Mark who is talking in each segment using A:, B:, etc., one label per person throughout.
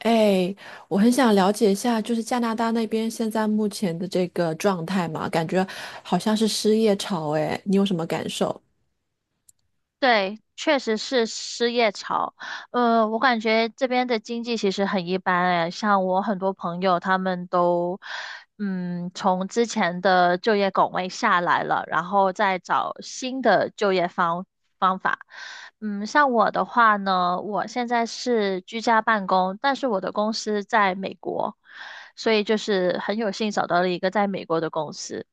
A: 哎，我很想了解一下，就是加拿大那边现在目前的这个状态嘛，感觉好像是失业潮，哎，你有什么感受？
B: 对，确实是失业潮。我感觉这边的经济其实很一般哎，像我很多朋友他们都，嗯，从之前的就业 岗位下来了，然后再找新的就业方法。嗯，像我的话呢，我现在是居家办公，但是我的公司在美国，所以就是很有幸找到了一个在美国的公司。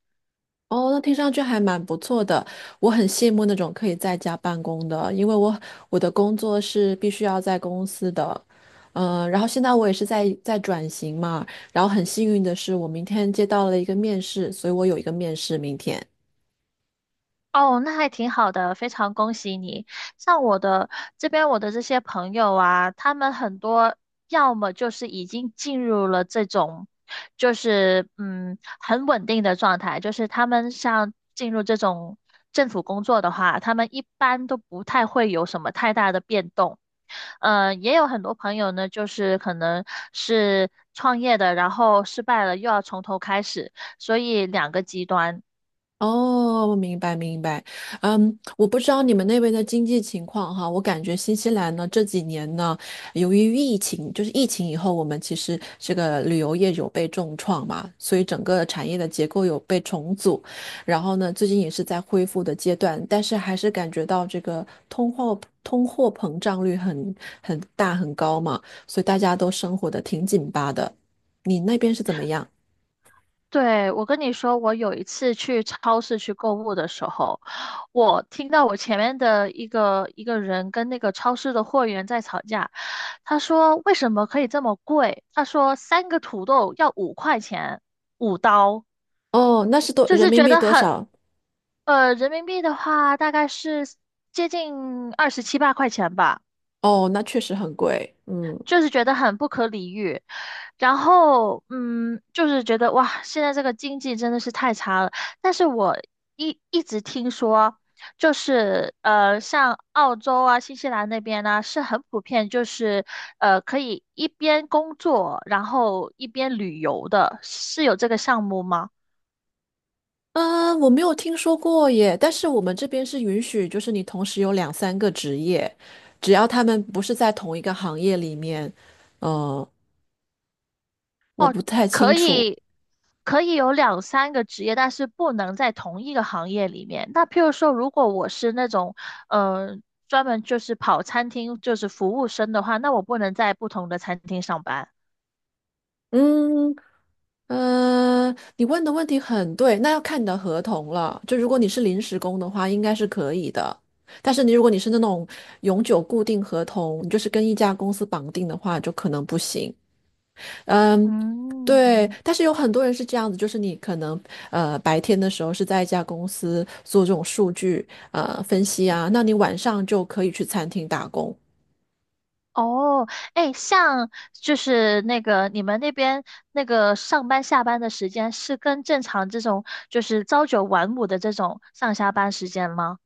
A: 哦，那听上去还蛮不错的。我很羡慕那种可以在家办公的，因为我的工作是必须要在公司的。然后现在我也是在转型嘛，然后很幸运的是，我明天接到了一个面试，所以我有一个面试明天。
B: 哦，那还挺好的，非常恭喜你。像我的这边，我的这些朋友啊，他们很多要么就是已经进入了这种，就是很稳定的状态，就是他们像进入这种政府工作的话，他们一般都不太会有什么太大的变动。也有很多朋友呢，就是可能是创业的，然后失败了，又要从头开始，所以两个极端。
A: 哦，我明白明白。嗯，我不知道你们那边的经济情况哈，我感觉新西兰呢这几年呢，由于疫情，就是疫情以后，我们其实这个旅游业有被重创嘛，所以整个产业的结构有被重组，然后呢，最近也是在恢复的阶段，但是还是感觉到这个通货膨胀率很大很高嘛，所以大家都生活的挺紧巴的。你那边是怎么样？
B: 对，我跟你说，我有一次去超市去购物的时候，我听到我前面的一个人跟那个超市的货员在吵架。他说为什么可以这么贵？他说三个土豆要5块钱，5刀，
A: 哦，那是多
B: 就
A: 人
B: 是
A: 民
B: 觉
A: 币
B: 得
A: 多
B: 很，
A: 少？
B: 人民币的话大概是接近二十七八块钱吧。
A: 哦，那确实很贵。嗯，
B: 就是觉得很不可理喻，然后就是觉得哇，现在这个经济真的是太差了。但是我一直听说，就是像澳洲啊、新西兰那边呢、是很普遍，就是可以一边工作，然后一边旅游的，是有这个项目吗？
A: 啊，我没有听说过耶，但是我们这边是允许，就是你同时有两三个职业，只要他们不是在同一个行业里面。呃，我不太清
B: 可
A: 楚。
B: 以可以有两三个职业，但是不能在同一个行业里面。那譬如说，如果我是那种呃专门就是跑餐厅就是服务生的话，那我不能在不同的餐厅上班。
A: 嗯，你问的问题很对，那要看你的合同了。就如果你是临时工的话，应该是可以的。但是你如果你是那种永久固定合同，你就是跟一家公司绑定的话，就可能不行。嗯，对，
B: 嗯，
A: 但是有很多人是这样子，就是你可能白天的时候是在一家公司做这种数据分析啊，那你晚上就可以去餐厅打工
B: 哦，哎，像就是那个你们那边那个上班下班的时间是跟正常这种就是朝九晚五的这种上下班时间吗？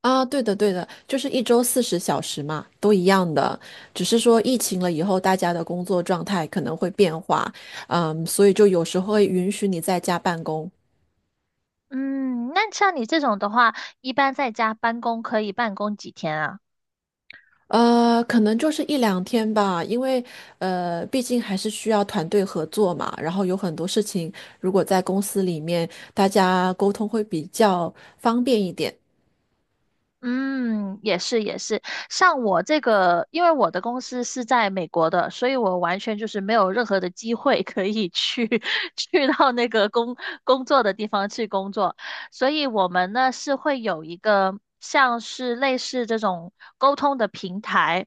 A: 啊。对的，对的，就是一周40小时嘛，都一样的，只是说疫情了以后，大家的工作状态可能会变化，嗯，所以就有时候会允许你在家办公。
B: 嗯，那像你这种的话，一般在家办公可以办公几天啊？
A: 可能就是一两天吧，因为毕竟还是需要团队合作嘛。然后有很多事情，如果在公司里面，大家沟通会比较方便一点。
B: 嗯，也是也是。像我这个，因为我的公司是在美国的，所以我完全就是没有任何的机会可以去 去到那个工作的地方去工作，所以我们呢是会有一个像是类似这种沟通的平台。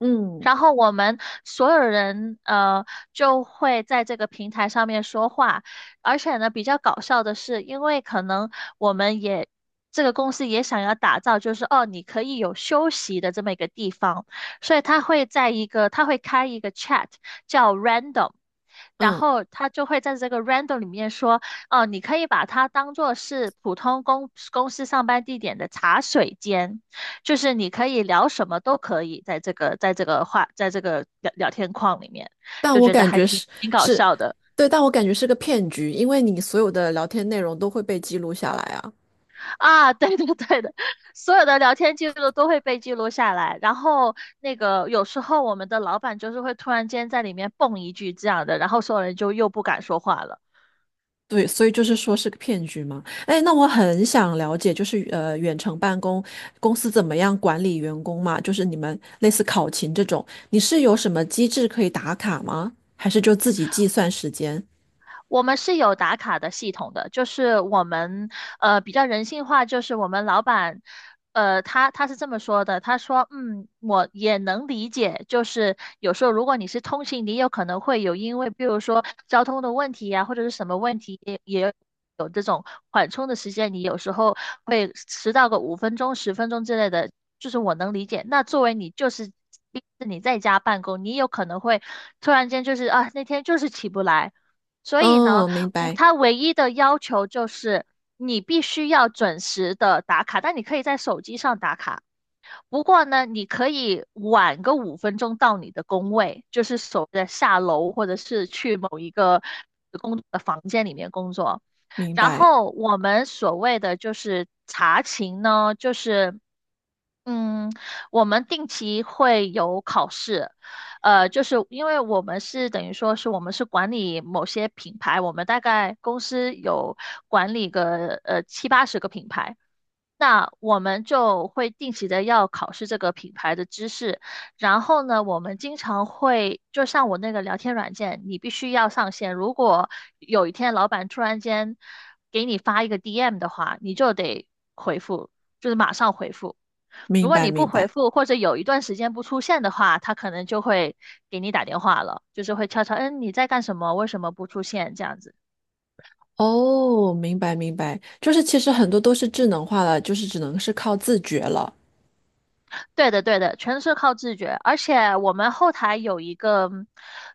A: 嗯
B: 然后我们所有人就会在这个平台上面说话，而且呢比较搞笑的是，因为可能我们也这个公司也想要打造，就是哦你可以有休息的这么一个地方，所以他会开一个 chat 叫 random。然
A: 嗯，
B: 后他就会在这个 random 里面说，哦，你可以把它当做是普通公司上班地点的茶水间。就是你可以聊什么都可以，在这个聊天框里面，
A: 但
B: 就
A: 我
B: 觉得
A: 感
B: 还
A: 觉
B: 挺
A: 是
B: 挺搞
A: 是，
B: 笑的
A: 对，但我感觉是个骗局，因为你所有的聊天内容都会被记录下来啊。
B: 啊！对的对的，所有的聊天记录都会被记录下来，然后那个有时候我们的老板就是会突然间在里面蹦一句这样的，然后所有人就又不敢说话了。
A: 对，所以就是说是个骗局嘛。哎，那我很想了解，就是远程办公公司怎么样管理员工嘛？就是你们类似考勤这种，你是有什么机制可以打卡吗？还是就自己计算时间？
B: 我们是有打卡的系统的，就是我们比较人性化，就是我们老板他是这么说的，他说嗯我也能理解，就是有时候如果你是通勤，你有可能会有因为比如说交通的问题呀、或者是什么问题。有这种缓冲的时间，你有时候会迟到个五分钟、10分钟之类的，就是我能理解。那作为你就是你在家办公，你有可能会突然间就是啊，那天就是起不来，所以呢，
A: 嗯，明
B: 我
A: 白，
B: 他唯一的要求就是你必须要准时的打卡，但你可以在手机上打卡。不过呢，你可以晚个五分钟到你的工位，就是所谓的下楼或者是去某一个工作的房间里面工作。
A: 明
B: 然
A: 白，
B: 后我们所谓的就是查勤呢，就是。嗯，我们定期会有考试，就是因为我们是等于说是我们是管理某些品牌，我们大概公司有管理个七八十个品牌，那我们就会定期的要考试这个品牌的知识，然后呢，我们经常会就像我那个聊天软件，你必须要上线。如果有一天老板突然间给你发一个 DM 的话，你就得回复，就是马上回复。如
A: 明
B: 果
A: 白，
B: 你不
A: 明
B: 回
A: 白。
B: 复或者有一段时间不出现的话，他可能就会给你打电话了，就是会悄悄，嗯，你在干什么？为什么不出现？这样子。
A: 哦，明白，明白。就是其实很多都是智能化了，就是只能是靠自觉了。
B: 对的，对的，全是靠自觉。而且我们后台有一个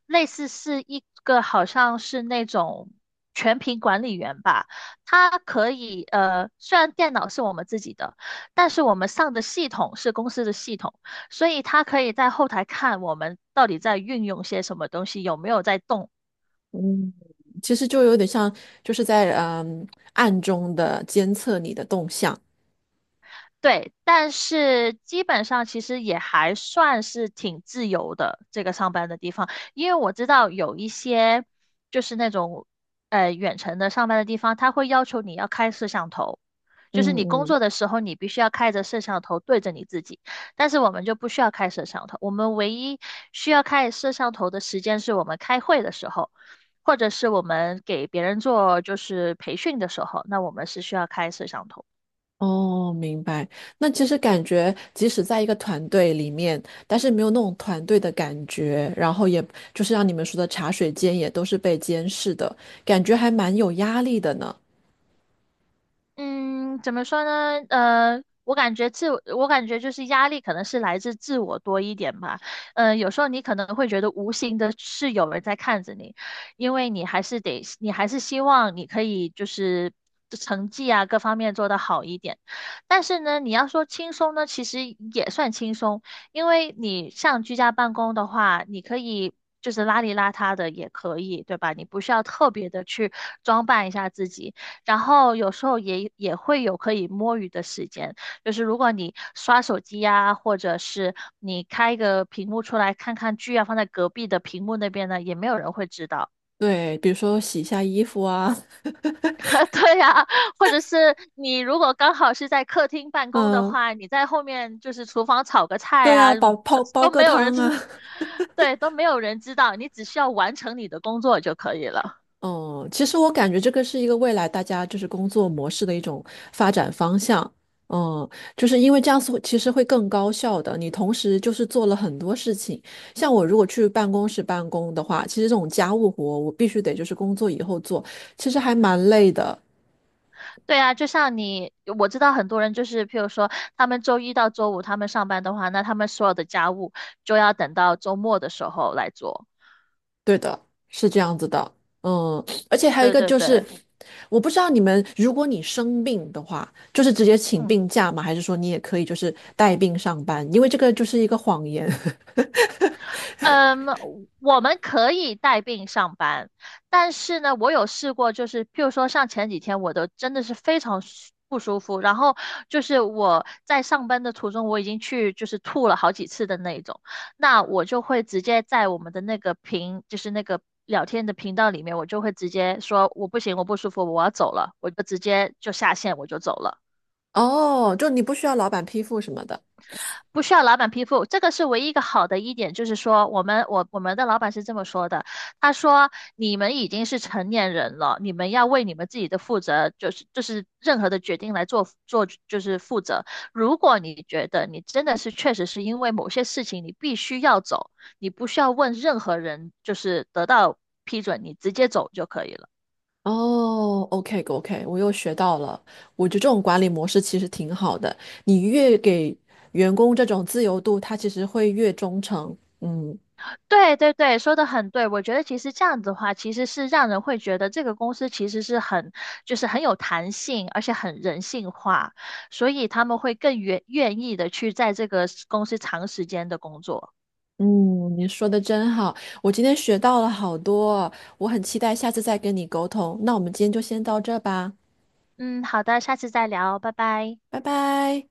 B: 类似是一个好像是那种全屏管理员吧，他可以虽然电脑是我们自己的，但是我们上的系统是公司的系统，所以他可以在后台看我们到底在运用些什么东西，有没有在动。
A: 其实就有点像，就是在暗中的监测你的动向。
B: 对，但是基本上其实也还算是挺自由的，这个上班的地方，因为我知道有一些就是那种远程的上班的地方，他会要求你要开摄像头，就是
A: 嗯
B: 你工
A: 嗯
B: 作的时候你必须要开着摄像头对着你自己，但是我们就不需要开摄像头，我们唯一需要开摄像头的时间是我们开会的时候，或者是我们给别人做就是培训的时候，那我们是需要开摄像头。
A: 哦，明白。那其实感觉，即使在一个团队里面，但是没有那种团队的感觉，然后也就是像你们说的茶水间也都是被监视的，感觉还蛮有压力的呢。
B: 嗯，怎么说呢？我感觉就是压力可能是来自自我多一点吧。有时候你可能会觉得无形的是有人在看着你，因为你还是得，你还是希望你可以就是成绩啊各方面做得好一点。但是呢，你要说轻松呢，其实也算轻松，因为你像居家办公的话，你可以。就是邋里邋遢的也可以，对吧？你不需要特别的去装扮一下自己，然后有时候也会有可以摸鱼的时间，就是如果你刷手机呀、或者是你开一个屏幕出来看看剧啊，放在隔壁的屏幕那边呢，也没有人会知道。
A: 对，比如说洗一下衣服啊，
B: 对呀、或者是你如果刚好是在客厅办 公的
A: 嗯，
B: 话，你在后面就是厨房炒个菜
A: 对啊，
B: 啊，这
A: 煲
B: 都
A: 个
B: 没有人
A: 汤啊。
B: 知，对，都没有人知道，你只需要完成你的工作就可以了。
A: 哦，其实我感觉这个是一个未来大家就是工作模式的一种发展方向。嗯，就是因为这样子会其实会更高效的。你同时就是做了很多事情，像我如果去办公室办公的话，其实这种家务活我必须得就是工作以后做，其实还蛮累的。
B: 对啊，就像你，我知道很多人就是，譬如说，他们周一到周五他们上班的话，那他们所有的家务就要等到周末的时候来做。
A: 对的，是这样子的。嗯，而且还有一
B: 对
A: 个
B: 对
A: 就是，
B: 对，
A: 我不知道你们，如果你生病的话，就是直接请
B: 嗯。
A: 病假吗？还是说你也可以就是带病上班？因为这个就是一个谎言。
B: 嗯，我们可以带病上班，但是呢，我有试过，就是譬如说像前几天，我都真的是非常不舒服，然后就是我在上班的途中，我已经去就是吐了好几次的那种，那我就会直接在我们的那个频，就是那个聊天的频道里面，我就会直接说我不行，我不舒服，我要走了，我就直接就下线，我就走了。
A: 哦，就你不需要老板批复什么的。
B: 不需要老板批复，这个是唯一一个好的一点，就是说我们我们的老板是这么说的，他说你们已经是成年人了，你们要为你们自己的负责，就是任何的决定来做就是负责。如果你觉得你真的是确实是因为某些事情你必须要走，你不需要问任何人，就是得到批准，你直接走就可以了。
A: 哦，OK OK，我又学到了。我觉得这种管理模式其实挺好的，你越给员工这种自由度，他其实会越忠诚。嗯
B: 对对对，说的很对。我觉得其实这样子的话，其实是让人会觉得这个公司其实是很，就是很有弹性，而且很人性化，所以他们会更愿意的去在这个公司长时间的工作。
A: 嗯，你说的真好，我今天学到了好多，我很期待下次再跟你沟通。那我们今天就先到这吧，
B: 嗯，好的，下次再聊，拜拜。
A: 拜拜。